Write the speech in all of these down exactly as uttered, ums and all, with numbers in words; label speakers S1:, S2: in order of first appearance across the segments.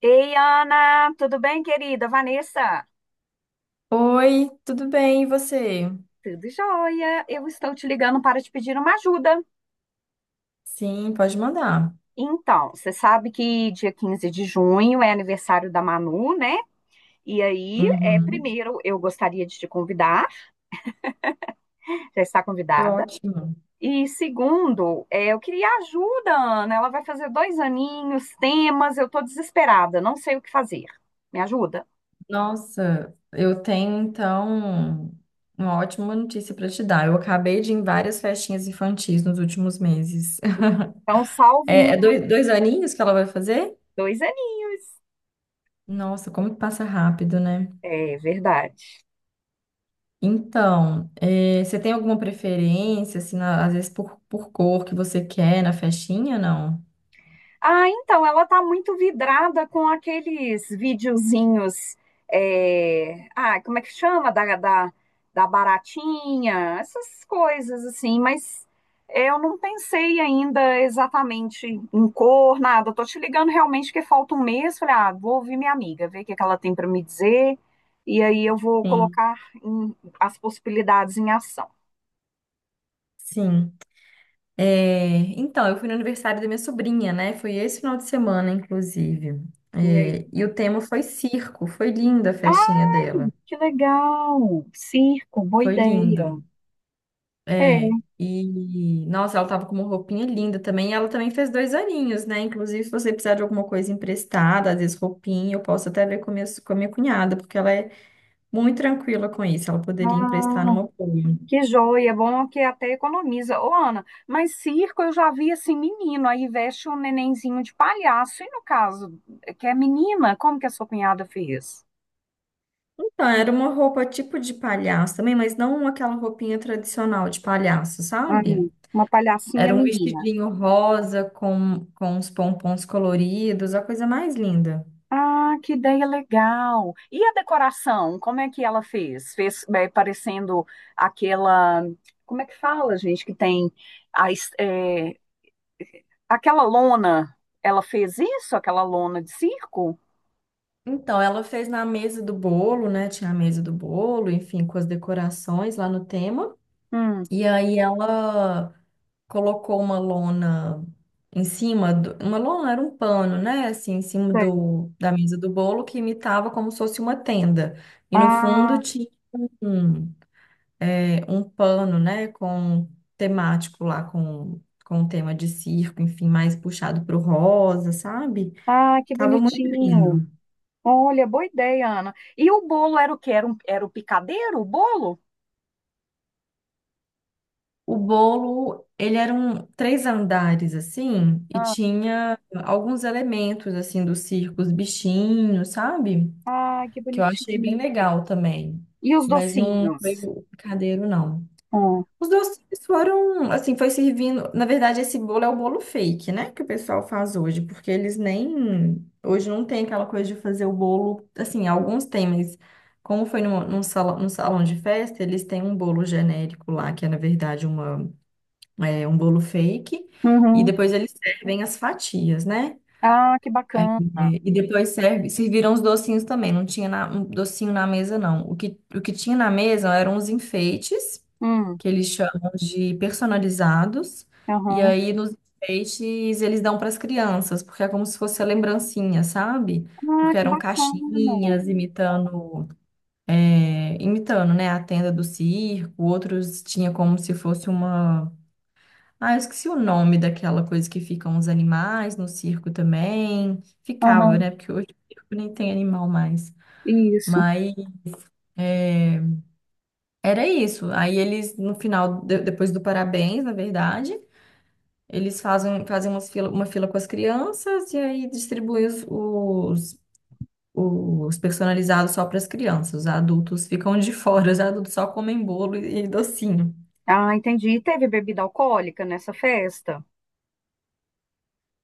S1: Ei, Ana, tudo bem, querida? Vanessa,
S2: Oi, tudo bem, e você?
S1: tudo jóia? Eu estou te ligando para te pedir uma ajuda.
S2: Sim, pode mandar.
S1: Então, você sabe que dia quinze de junho é aniversário da Manu, né? E aí, é,
S2: Uhum.
S1: primeiro, eu gostaria de te convidar, já está
S2: É
S1: convidada.
S2: ótimo.
S1: E segundo, é, eu queria ajuda, Ana. Ela vai fazer dois aninhos, temas, eu estou desesperada, não sei o que fazer. Me ajuda?
S2: Nossa, eu tenho então uma ótima notícia para te dar. Eu acabei de ir em várias festinhas infantis nos últimos meses.
S1: Então, salve-me,
S2: É, é dois, dois aninhos que ela vai fazer?
S1: dois aninhos.
S2: Nossa, como que passa rápido, né?
S1: É verdade.
S2: Então, é, você tem alguma preferência, assim, na- às vezes por, por cor que você quer na festinha, não?
S1: Ah, então, ela tá muito vidrada com aqueles videozinhos. é, Ah, como é que chama? Da, da, da baratinha, essas coisas assim, mas é, eu não pensei ainda exatamente em cor, nada. Eu tô te ligando realmente que falta um mês. Falei, ah, vou ouvir minha amiga, ver o que que ela tem para me dizer, e aí eu vou
S2: Sim.
S1: colocar em- as possibilidades em ação.
S2: Sim. É, então, eu fui no aniversário da minha sobrinha, né? Foi esse final de semana, inclusive.
S1: E aí,
S2: É, e o tema foi circo. Foi linda a festinha
S1: ah,
S2: dela.
S1: que legal! Circo, boa
S2: Foi
S1: ideia.
S2: lindo.
S1: É,
S2: É, e, nossa, ela tava com uma roupinha linda também. E ela também fez dois aninhos, né? Inclusive, se você precisar de alguma coisa emprestada, às vezes roupinha, eu posso até ver com a minha, com a minha, cunhada, porque ela é muito tranquila com isso. Ela poderia emprestar
S1: ah,
S2: numa boa.
S1: que joia, bom que até economiza. Ô, Ana, mas circo eu já vi assim, menino, aí veste um nenenzinho de palhaço. E no caso, eh, que é menina, como que a sua cunhada fez?
S2: Então, era uma roupa tipo de palhaço também, mas não aquela roupinha tradicional de palhaço,
S1: Hum,
S2: sabe?
S1: uma palhacinha
S2: Era um
S1: menina.
S2: vestidinho rosa com, com uns pompons coloridos, a coisa mais linda.
S1: Ah, que ideia legal. E a decoração, como é que ela fez? Fez é, parecendo aquela. Como é que fala, gente, que tem a, es- é, aquela lona? Ela fez isso, aquela lona de circo?
S2: Então, ela fez na mesa do bolo, né? Tinha a mesa do bolo, enfim, com as decorações lá no tema.
S1: Hum.
S2: E aí ela colocou uma lona em cima do, uma lona era um pano, né? Assim, em cima
S1: Sei.
S2: do, da mesa do bolo que imitava como se fosse uma tenda. E no fundo
S1: Ah.
S2: tinha um- é, um pano, né, com temático lá, com, com tema de circo, enfim, mais puxado pro rosa, sabe?
S1: Ah, que
S2: Tava muito
S1: bonitinho.
S2: lindo.
S1: Olha, boa ideia, Ana. E o bolo era o quê? Era, um, era o picadeiro, o bolo?
S2: O bolo, ele era um três andares, assim, e
S1: Ah,
S2: tinha alguns elementos, assim, do circo, os bichinhos, sabe?
S1: ai, que
S2: Que eu achei bem
S1: bonitinho.
S2: legal também.
S1: E os
S2: Mas não
S1: docinhos?
S2: foi o picadeiro, não.
S1: Hum,
S2: Os doces foram, assim, foi servindo. Na verdade, esse bolo é o bolo fake, né? Que o pessoal faz hoje, porque eles nem. Hoje não tem aquela coisa de fazer o bolo. Assim, alguns têm, mas como foi num, num salão, num salão de festa, eles têm um bolo genérico lá, que é, na verdade, uma, é, um bolo fake. E
S1: uhum.
S2: depois eles servem as fatias, né?
S1: Ah, que
S2: É,
S1: bacana.
S2: e depois serve, serviram os docinhos também. Não tinha na- um docinho na mesa, não. O que, o que tinha na mesa eram os enfeites
S1: Hum,
S2: que eles chamam de personalizados. E
S1: uhum.
S2: aí, nos enfeites, eles dão para as crianças, porque é como se fosse a lembrancinha, sabe?
S1: Ah,
S2: Porque
S1: que
S2: eram
S1: bacana.
S2: caixinhas imitando, é, imitando, né, a tenda do circo, outros tinha como se fosse uma. Ah, eu esqueci o nome daquela coisa que ficam os animais no circo também. Ficava,
S1: Uhum,
S2: né? Porque hoje o circo nem tem animal mais.
S1: isso.
S2: Mas é, era isso. Aí eles, no final, de- depois do parabéns, na verdade. Eles fazem, fazem umas fila- uma fila com as crianças e aí distribuem os, os, os, personalizados só para as crianças. Os adultos ficam de fora, os adultos só comem bolo e, e docinho.
S1: Ah, entendi. E teve bebida alcoólica nessa festa?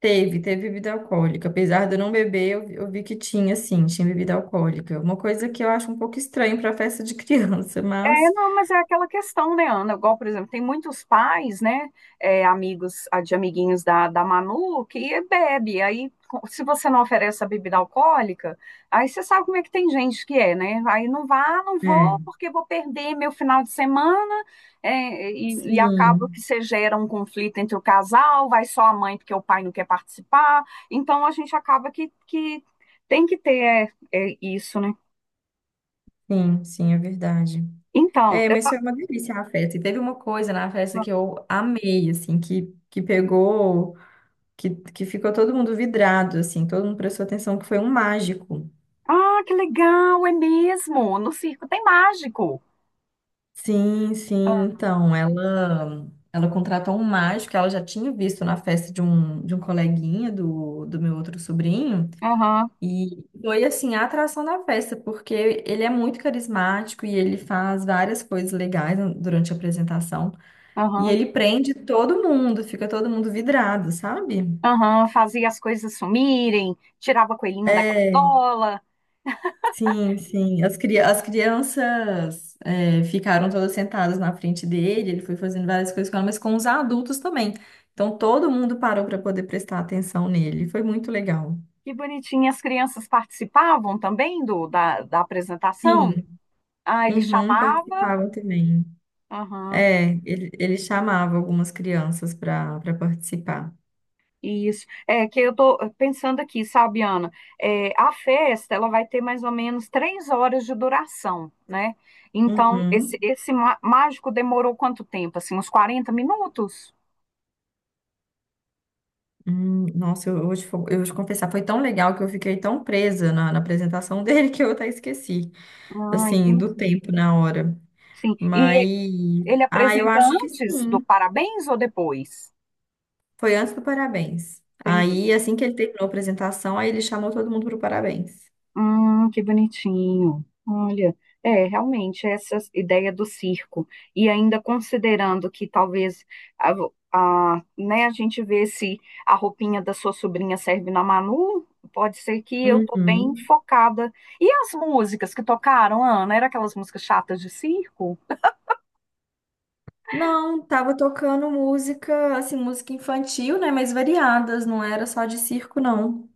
S2: Teve, teve bebida alcoólica. Apesar de eu não beber, eu, vi- eu vi que tinha, sim, tinha bebida alcoólica. Uma coisa que eu acho um pouco estranho para festa de criança,
S1: É,
S2: mas.
S1: não, mas é aquela questão, né, Ana? Igual, por exemplo, tem muitos pais, né, é, amigos, ah, de amiguinhos da, da Manu, que bebe. Aí, co- se você não oferece a bebida alcoólica, aí você sabe como é que tem gente que é, né? Aí não vá, não vou,
S2: É.
S1: porque vou perder meu final de semana, é, e, e acaba
S2: Sim,
S1: que você gera um conflito entre o casal, vai só a mãe porque o pai não quer participar. Então, a gente acaba que, que tem que ter é, é, isso, né?
S2: sim, sim, é verdade.
S1: Então,
S2: É,
S1: eu
S2: mas foi uma delícia a festa. E teve uma coisa na festa que eu amei, assim, que, que pegou, que, que ficou todo mundo vidrado, assim, todo mundo prestou atenção que foi um mágico.
S1: ah, que legal, é mesmo. No circo tem mágico.
S2: Sim,
S1: Ah,
S2: sim, então, ela ela contratou um mágico que ela já tinha visto na festa de um, de um, coleguinha do, do meu outro sobrinho,
S1: aham,
S2: e foi, assim, a atração da festa, porque ele é muito carismático e ele faz várias coisas legais durante a apresentação, e
S1: aham,
S2: ele prende todo mundo, fica todo mundo vidrado, sabe?
S1: aham. Fazia as coisas sumirem, tirava coelhinho da
S2: É.
S1: cartola.
S2: Sim, sim. As, cri- as crianças é, ficaram todas sentadas na frente dele, ele foi fazendo várias coisas com ela, mas com os adultos também. Então todo mundo parou para poder prestar atenção nele. Foi muito legal.
S1: Que bonitinho. As crianças participavam também do, da, da apresentação?
S2: Sim,
S1: Ah, ele
S2: uhum,
S1: chamava.
S2: participavam também.
S1: Aham,
S2: É, ele, ele, chamava algumas crianças para para participar.
S1: isso. É que eu tô pensando aqui, sabe, Ana? É, a festa, ela vai ter mais ou menos três horas de duração, né? Então, esse,
S2: Uhum.
S1: esse má- mágico demorou quanto tempo? Assim, uns quarenta minutos?
S2: Hum, nossa, eu, eu, vou te, fo- eu vou te confessar, foi tão legal que eu fiquei tão presa na, na apresentação dele que eu até esqueci,
S1: Ah,
S2: assim, do
S1: entendi.
S2: tempo na hora.
S1: Sim.
S2: Mas,
S1: E ele
S2: ah, eu
S1: apresenta
S2: acho que
S1: antes do
S2: sim.
S1: parabéns ou depois?
S2: Foi antes do parabéns.
S1: Entendi.
S2: Aí, assim que ele terminou a apresentação, aí ele chamou todo mundo pro parabéns.
S1: Hum, que bonitinho. Olha, é, realmente, essa ideia do circo. E ainda considerando que talvez a, a, né, a gente vê se a roupinha da sua sobrinha serve na Manu, pode ser que eu tô bem
S2: Uhum.
S1: focada. E as músicas que tocaram, Ana? Eram aquelas músicas chatas de circo?
S2: Não, tava tocando música, assim, música infantil, né? Mas variadas, não era só de circo, não.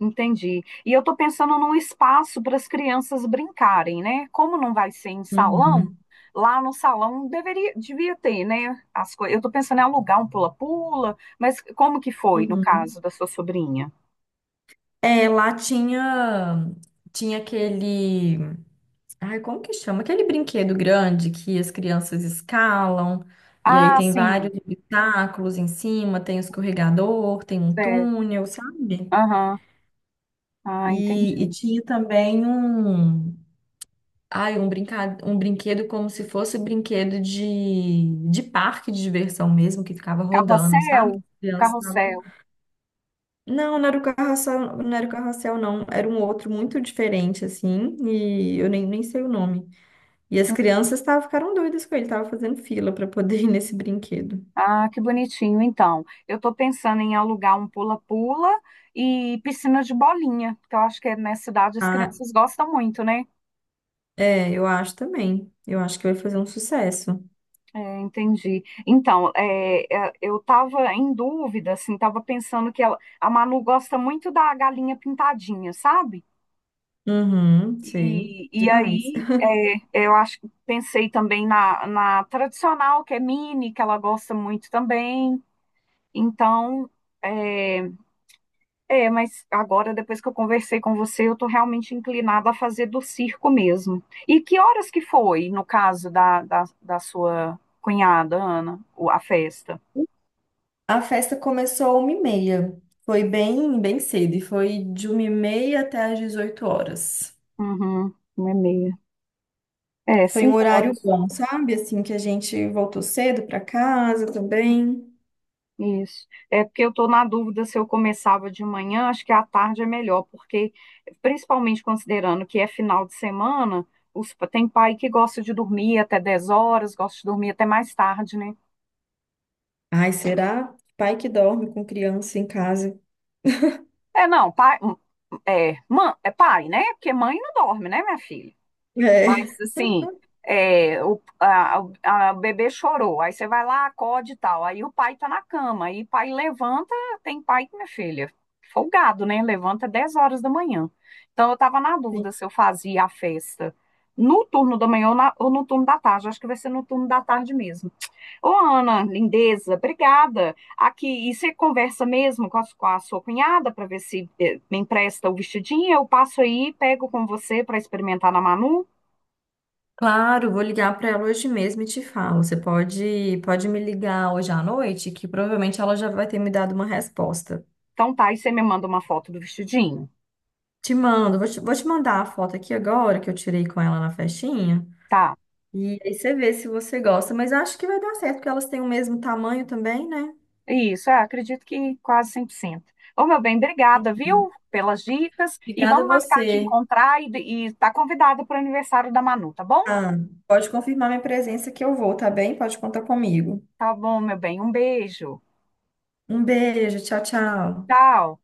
S1: Entendi. E eu estou pensando num espaço para as crianças brincarem, né? Como não vai ser em salão,
S2: Uhum.
S1: lá no salão deveria, devia ter, né? As coisas. Eu estou pensando em alugar um pula-pula, mas como que foi no
S2: Uhum.
S1: caso da sua sobrinha?
S2: É, lá tinha, tinha, aquele. Ai, como que chama? Aquele brinquedo grande que as crianças escalam, e aí
S1: Ah,
S2: tem
S1: sim.
S2: vários obstáculos em cima, tem um escorregador, tem um
S1: É.
S2: túnel, sabe?
S1: Aham. Ah,
S2: E, e
S1: entendi.
S2: tinha também um, ai, um, brinca, um brinquedo como se fosse brinquedo de, de, parque de diversão mesmo, que ficava rodando, sabe? Que
S1: Carrossel?
S2: as crianças estavam-
S1: Carrossel.
S2: Não, não era o carrossel, não era o carrossel, não. Era um outro muito diferente, assim, e eu nem, nem sei o nome. E as crianças tavam, ficaram doidas com ele, estavam fazendo fila para poder ir nesse brinquedo.
S1: Ah, que bonitinho. Então, eu estou pensando em alugar um pula-pula e piscina de bolinha, que eu acho que é nessa idade as
S2: Ah,
S1: crianças gostam muito, né?
S2: é, eu acho também. Eu acho que vai fazer um sucesso.
S1: É, entendi. Então, é, é, eu estava em dúvida, assim, estava pensando que ela, a Manu gosta muito da galinha pintadinha, sabe?
S2: Uhum, sei.
S1: E, e
S2: Demais.
S1: aí, é, eu acho que pensei também na, na tradicional, que é mini, que ela gosta muito também. Então, é, é, mas agora, depois que eu conversei com você, eu estou realmente inclinada a fazer do circo mesmo. E que horas que foi, no caso da, da, da sua cunhada, Ana, o- a festa?
S2: A festa começou uma e meia. Foi bem, bem cedo e foi de uma e meia até às dezoito horas.
S1: Uhum, uma e meia. É,
S2: Foi um
S1: cinco
S2: horário
S1: horas.
S2: bom, sabe? Assim que a gente voltou cedo para casa também.
S1: Isso. É porque eu estou na dúvida se eu começava de manhã, acho que à tarde é melhor, porque, principalmente considerando que é final de semana, os, tem pai que gosta de dormir até dez horas, gosta de dormir até mais tarde, né?
S2: Ai, será? Pai que dorme com criança em casa.
S1: É, não, pai, hum, é, mãe, é pai, né? Porque mãe não dorme, né, minha filha? Mas
S2: É.
S1: assim, é, o, a- a- o bebê chorou. Aí você vai lá, acode e tal. Aí o pai tá na cama. Aí o pai levanta, tem pai que, minha filha, folgado, né? Levanta dez horas da manhã. Então eu tava na dúvida se eu fazia a festa no turno da manhã ou, na- ou no turno da tarde. Acho que vai ser no turno da tarde mesmo. Ô, Ana, lindeza, obrigada. Aqui, e você conversa mesmo com a, com a sua cunhada para ver se eh, me empresta o vestidinho? Eu passo aí, pego com você para experimentar na Manu.
S2: Claro, vou ligar para ela hoje mesmo e te falo. Você pode, pode me ligar hoje à noite, que provavelmente ela já vai ter me dado uma resposta.
S1: Então tá, e você me manda uma foto do vestidinho?
S2: Te mando, vou te, vou te mandar a foto aqui agora que eu tirei com ela na festinha.
S1: Tá.
S2: E aí você vê se você gosta. Mas acho que vai dar certo, porque elas têm o mesmo tamanho também, né?
S1: Isso, é, acredito que quase cem por cento. Ô, meu bem, obrigada, viu, pelas dicas. E
S2: Obrigada a
S1: vamos marcar de
S2: você.
S1: encontrar e, e tá convidada para o aniversário da Manu, tá bom?
S2: Ah, pode confirmar minha presença que eu vou, tá bem? Pode contar comigo.
S1: Tá bom, meu bem. Um beijo.
S2: Um beijo, tchau, tchau.
S1: Tchau.